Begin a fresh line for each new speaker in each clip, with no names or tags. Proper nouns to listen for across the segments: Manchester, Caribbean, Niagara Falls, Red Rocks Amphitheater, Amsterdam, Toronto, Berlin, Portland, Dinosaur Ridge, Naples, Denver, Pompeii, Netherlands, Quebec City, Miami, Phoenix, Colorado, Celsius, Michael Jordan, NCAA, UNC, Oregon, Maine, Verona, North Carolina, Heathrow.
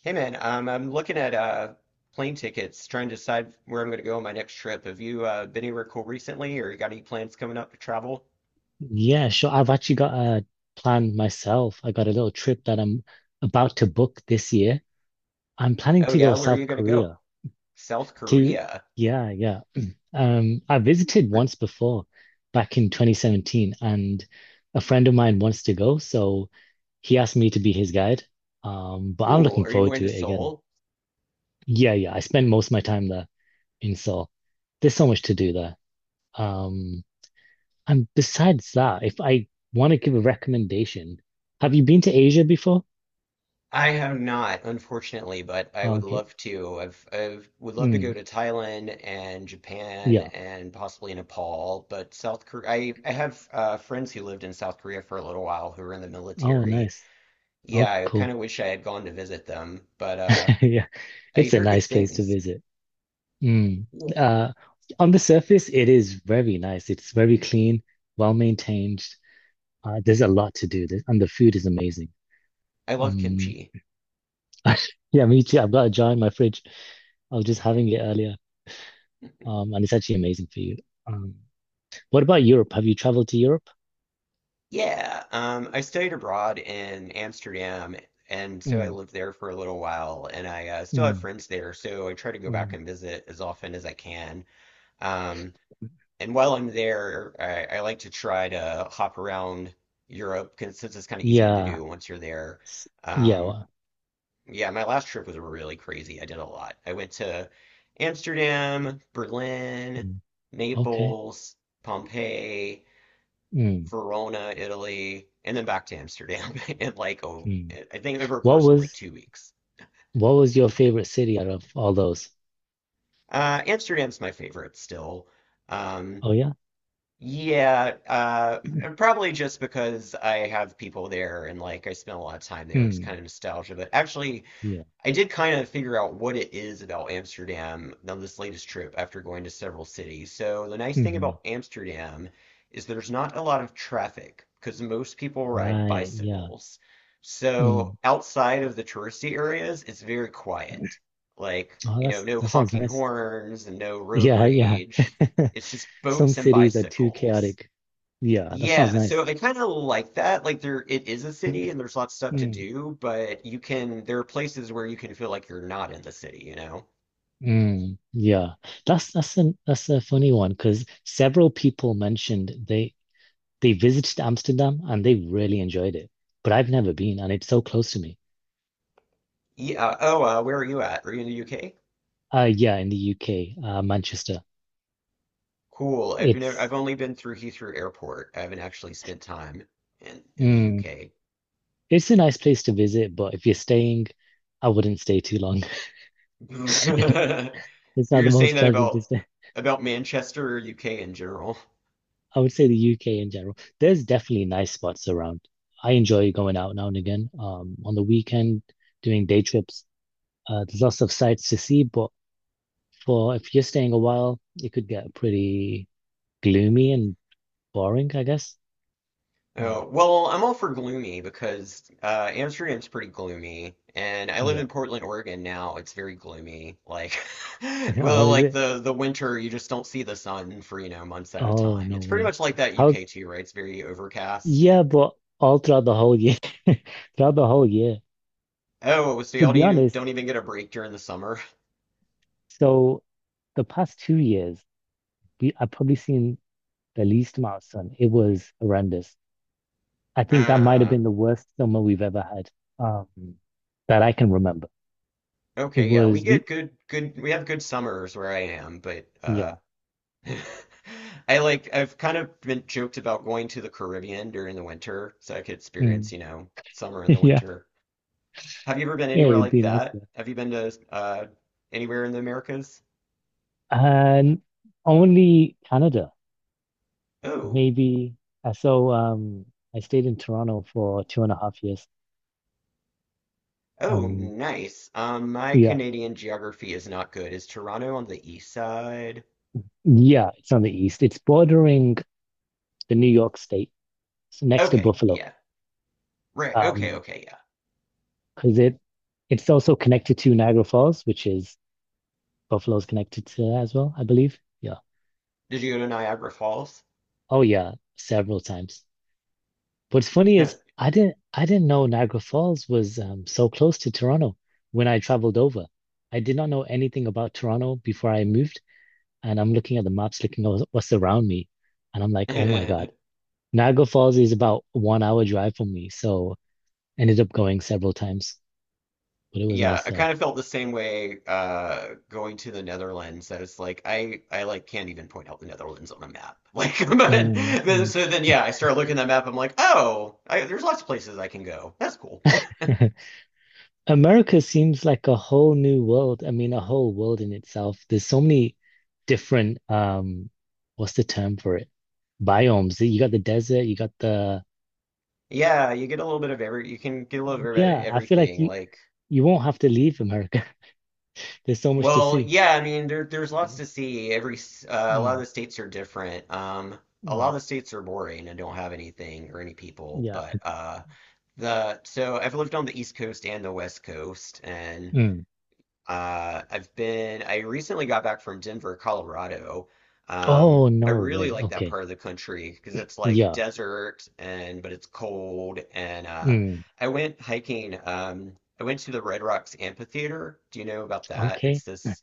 Hey man, I'm looking at plane tickets, trying to decide where I'm going to go on my next trip. Have you been anywhere cool recently, or you got any plans coming up to travel?
Yeah, sure. I've actually got a plan myself. I got a little trip that I'm about to book this year. I'm planning
Oh
to
yeah,
go
where are
South
you going to go?
Korea
South
to,
Korea.
yeah, yeah. I visited
Ver-
once before back in 2017, and a friend of mine wants to go, so he asked me to be his guide. But I'm
Cool.
looking
Are you
forward
going
to
to
it again.
Seoul?
Yeah, yeah. I spend most of my time there in Seoul. There's so much to do there. Um, And besides that, if I want to give a recommendation, have you been to Asia before?
I have not, unfortunately, but I
Oh,
would
okay.
love to. I've would love to go
Mm,
to Thailand and Japan
yeah.
and possibly Nepal, but South Korea. I have friends who lived in South Korea for a little while who were in the
Oh,
military.
nice. Oh,
Yeah, I kind
cool.
of wish I had gone to visit them, but
Yeah.
I
It's a
hear
nice
good
place to
things.
visit. Mm.
Yeah.
Uh, on the surface, it is very nice. It's very clean, well maintained. There's a lot to do, and the food is amazing.
I love
Um,
kimchi.
yeah, me too. I've got a jar in my fridge. I was just having it earlier, and it's actually amazing for you. Um, what about Europe? Have you traveled to Europe?
Yeah, I studied abroad in Amsterdam, and so I
Mm,
lived there for a little while, and I still have
mm,
friends there, so I try to go back
mm.
and visit as often as I can. Um, and while I'm there, I like to try to hop around Europe because it's kind of easy to
Yeah.
do once you're there.
S- Yeah,
Um,
well,
Yeah, my last trip was really crazy. I did a lot. I went to Amsterdam, Berlin,
mm, okay.
Naples, Pompeii,
Mm,
Verona, Italy, and then back to Amsterdam in like
mm.
I think over a
What
course of like
was
2 weeks.
what was your favorite city out of all those?
Amsterdam's my favorite still. Um,
Oh yeah.
yeah, and probably just because I have people there and like I spent a lot of time there. It's
Mm,
kind of nostalgia, but actually.
yeah.
I did kind of figure out what it is about Amsterdam on this latest trip after going to several cities. So the nice thing
Hmm.
about Amsterdam is there's not a lot of traffic because most people ride
Right. Yeah.
bicycles. So
Mm.
outside of the touristy areas, it's very quiet. Like,
Oh,
you know,
that's
no
that sounds
honking
nice.
horns and no road
Yeah. Yeah.
rage. It's just
Some
boats and
cities are too
bicycles.
chaotic. Yeah. That sounds
Yeah, so
nice.
I kind of like that. Like there, it is a city, and there's lots of stuff to
Mm.
do, but you can. There are places where you can feel like you're not in the city. You know?
Mm, yeah. That's a funny one because several people mentioned they visited Amsterdam and they really enjoyed it, but I've never been and it's so close to me.
Yeah. Oh, where are you at? Are you in the UK?
Yeah, in the UK, Manchester.
Cool. I've never. I've
It's
only been through Heathrow Airport. I haven't actually spent time in the
mm,
UK.
it's a nice place to visit, but if you're staying, I wouldn't stay too long. It's not
You're
the
saying
most
that
pleasant to
about
stay.
about Manchester or UK in general?
I would say the UK in general. There's definitely nice spots around. I enjoy going out now and again. On the weekend, doing day trips. There's lots of sights to see, but for if you're staying a while, it could get pretty gloomy and boring, I guess. Mm,
Oh, well, I'm all for gloomy because Amsterdam's pretty gloomy, and I live
yeah.
in Portland, Oregon now. It's very gloomy. Like,
Oh,
well,
is
like
it?
the winter, you just don't see the sun for, you know, months at a
Oh,
time.
no
It's pretty
way.
much like that UK
How's
too, right? It's very overcast.
Yeah, but all throughout the whole year, throughout the whole year.
Oh, so
To
y'all
be honest,
don't even get a break during the summer?
so the past 2 years, we I've probably seen the least amount of sun. It was horrendous. I think that might have
Uh,
been the worst summer we've ever had, um, that I can remember. It
okay, yeah, we
was
get
we,
good we have good summers where I am, but
yeah,
I like I've kind of been joked about going to the Caribbean during the winter so I could
mm,
experience, you know, summer in the
yeah.
winter. Have you ever been
Yeah,
anywhere
it'd
like
be nice
that?
though.
Have you been to anywhere in the Americas?
And only Canada,
Oh,
maybe. Uh, So um, I stayed in Toronto for two and a half years,
oh,
and
nice. My
yeah.
Canadian geography is not good. Is Toronto on the east side?
Yeah, it's on the east. It's bordering the New York State. It's next to
Okay,
Buffalo.
yeah. Right. Okay,
Um,
okay, yeah.
because it's also connected to Niagara Falls, which is Buffalo's connected to that as well, I believe. Yeah.
Did you go to Niagara Falls?
Oh yeah, several times. What's funny is I didn't know Niagara Falls was so close to Toronto when I traveled over. I did not know anything about Toronto before I moved, and I'm looking at the maps, looking at what's around me, and I'm like, oh my God, Niagara Falls is about 1 hour drive from me, so ended up going several times, but it was
Yeah, I
nice.
kind of felt the same way going to the Netherlands that it's like I like can't even point out the Netherlands on a map. Like but
Mm,
then,
mm.
so then yeah, I start looking at the map, I'm like, "Oh, I, there's lots of places I can go. That's cool."
America seems like a whole new world. I mean, a whole world in itself. There's so many different what's the term for it? Biomes. You got the desert. You got the
Yeah, you get a little bit of every you can get a little bit of
yeah. I feel like
everything
you
like
you won't have to leave America. There's so much to
well,
see.
yeah, I mean there's lots to see. Every a lot of
Mm,
the states are different. A lot
mm,
of the states are boring and don't have anything or any people,
yeah.
but the so I've lived on the East Coast and the West Coast, and
Mm.
I recently got back from Denver, Colorado.
Oh
I
no
really
way.
like that
Okay.
part of the country because it's like
Yeah.
desert and but it's cold and
Mm.
I went hiking. I went to the Red Rocks Amphitheater. Do you know about that? It's
Okay.
this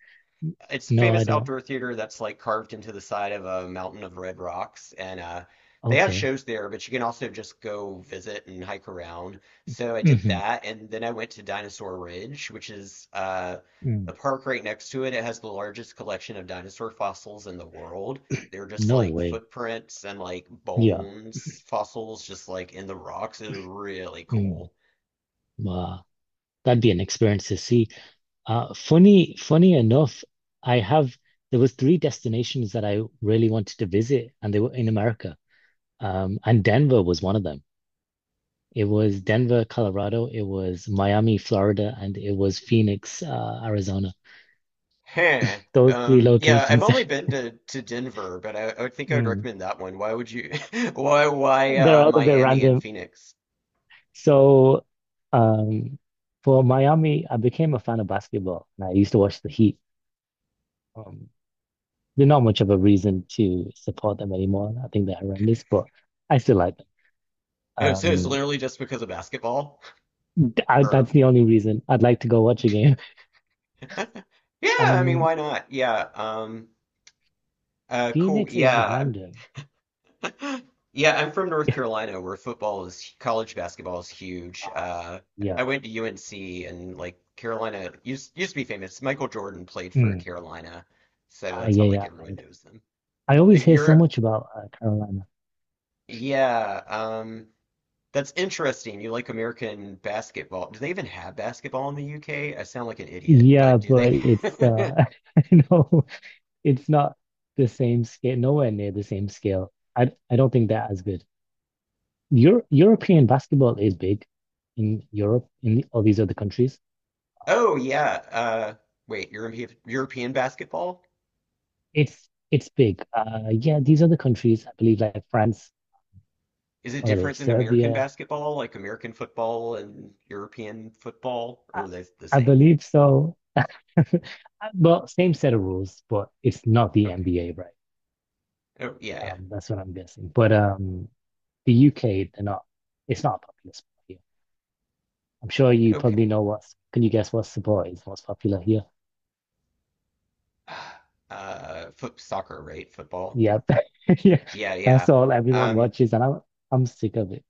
it's a
No, I
famous
don't.
outdoor theater that's like carved into the side of a mountain of red rocks and they have
Okay.
shows there but you can also just go visit and hike around so I did
Hmm.
that and then I went to Dinosaur Ridge which is
Mm.
a park right next to it. It has the largest collection of dinosaur fossils in the world. They're just
No
like
way.
footprints and like
Yeah.
bones fossils just like in the rocks. It was really
Mm.
cool.
Wow. That'd be an experience to see. Funny enough, I have there was three destinations that I really wanted to visit, and they were in America. And Denver was one of them. It was Denver, Colorado. It was Miami, Florida. And it was Phoenix, Arizona.
Huh.
Those three
Yeah, I've
locations.
only been to Denver, but I would think I would
Mm.
recommend that one. Why would you? Why
They're all a bit
Miami and
random.
Phoenix?
So, um, for Miami, I became a fan of basketball, and I used to watch the Heat. Um, There's not much of a reason to support them anymore. I think they're horrendous, but I still like them.
Oh, so it's
Um,
literally just because of basketball?
that's
Or
the only reason I'd like to go watch a game.
yeah, I mean,
And
why not? Yeah. Cool.
Phoenix is
Yeah.
random.
Yeah. I'm from North Carolina, where football is college basketball is huge.
Ah, yeah.
I went to UNC, and like Carolina used to be famous. Michael Jordan played for
Mm.
Carolina, so
Ah,
that's
yeah,
how like
yeah.
everyone
And
knows them.
I always hear so
You're
much about Carolina.
Yeah, that's interesting. You like American basketball. Do they even have basketball in the UK? I sound like an idiot,
Yeah,
but do they?
but it's I know it's not the same scale, nowhere near the same scale. I don't think they're as good. European basketball is big in Europe, in all these other countries.
Oh yeah. Wait, European basketball?
It's big. Yeah, these are the countries I believe, like France,
Is it
what are they?
different than American
Serbia.
basketball, like American football and European football,
I,
or are they the
I
same?
believe so. Well, same set of rules, but it's not the
Okay.
NBA, right?
Oh yeah, yeah.
That's what I'm guessing. But the UK, they're not. It's not a popular sport here. I'm sure you probably
Okay.
know what's. Can you guess what sport is most popular here?
Foot soccer, right? Football.
Yeah, yeah.
Yeah, yeah.
That's all everyone
Um,
watches, and I'm sick of it.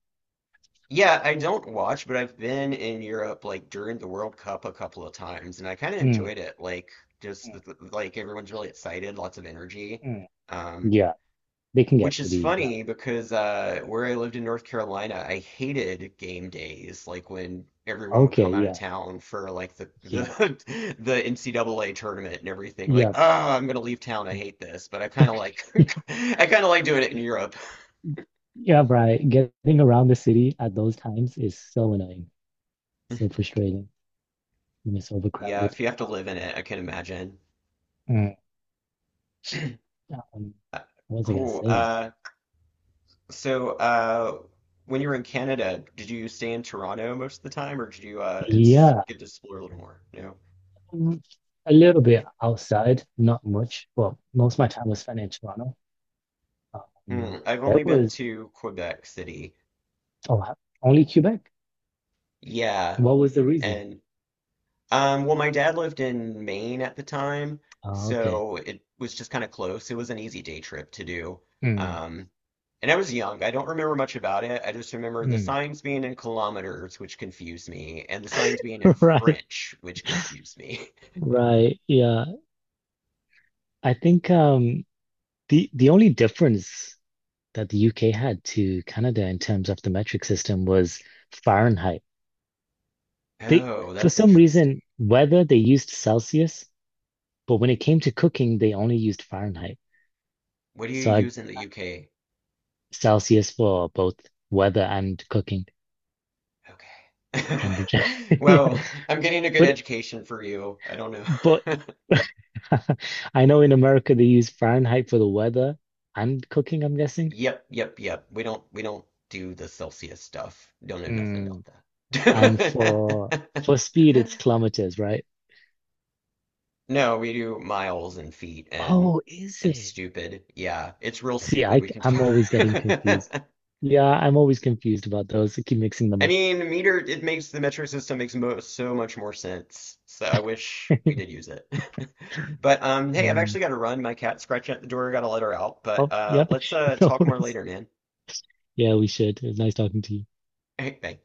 yeah, I don't watch, but I've been in Europe like during the World Cup a couple of times, and I kind of
Mm,
enjoyed it. Like just
mm,
like everyone's really excited, lots of energy,
mm.
um,
Yeah, they can get
which is
pretty rowdy.
funny because where I lived in North Carolina, I hated game days, like when everyone would
Okay,
come out of
yeah,
town for like the the NCAA tournament and everything. Like,
yeah,
oh, I'm gonna leave town. I hate this, but I
yeah.
kind of like I kind of like doing it in Europe.
Yeah, Brian, getting around the city at those times is so annoying, so frustrating when it's
Yeah, if
overcrowded.
you have to live in it, I can imagine.
Mm. Um,
Uh,
what was I gonna
Cool.
say?
So when you were in Canada, did you stay in Toronto most of the time, or did you? It's
Yeah,
good to explore a little more. No.
mm, a little bit outside, not much. Well, most of my time was spent in Toronto.
Hmm.
Um,
I've
there
only been
was
to Quebec City.
oh, ha- Only Quebec.
Yeah,
What was the reason?
and well, my dad lived in Maine at the time,
Oh, okay.
so it was just kind of close. It was an easy day trip to do.
Mm.
Um, and I was young. I don't remember much about it. I just remember the
Mm.
signs being in kilometers, which confused me, and the signs being in
Right,
French, which confused me.
right. Yeah, I think the only difference that the UK had to Canada in terms of the metric system was Fahrenheit. They,
Oh,
for
that's
some
interesting.
reason, weather they used Celsius, but when it came to cooking, they only used Fahrenheit.
What do you
So I,
use in the UK?
Celsius for both weather and cooking
Okay.
temperature. Yeah.
Well, I'm getting a good
But
education for you. I don't
but
know.
I know in America they use Fahrenheit for the weather and cooking, I'm guessing.
Yep, yep, yep. We don't do the Celsius stuff. Don't know nothing about
Mm. And for
that.
for speed, it's kilometers, right?
No, we do miles and feet
Oh, is
and
it?
stupid. Yeah, it's real stupid. We can
I am always getting confused.
talk.
Yeah, I'm always confused about those. I keep mixing them
I
up.
mean, it makes the metric system makes mo so much more sense. So I wish we did use it. But hey, I've
Mm.
actually got to run. My cat's scratching at the door. Got to let her out. But
Oh, yep.
let's
No
talk more
worries.
later, man.
Yeah, we should. It was nice talking to you.
Hey, thanks.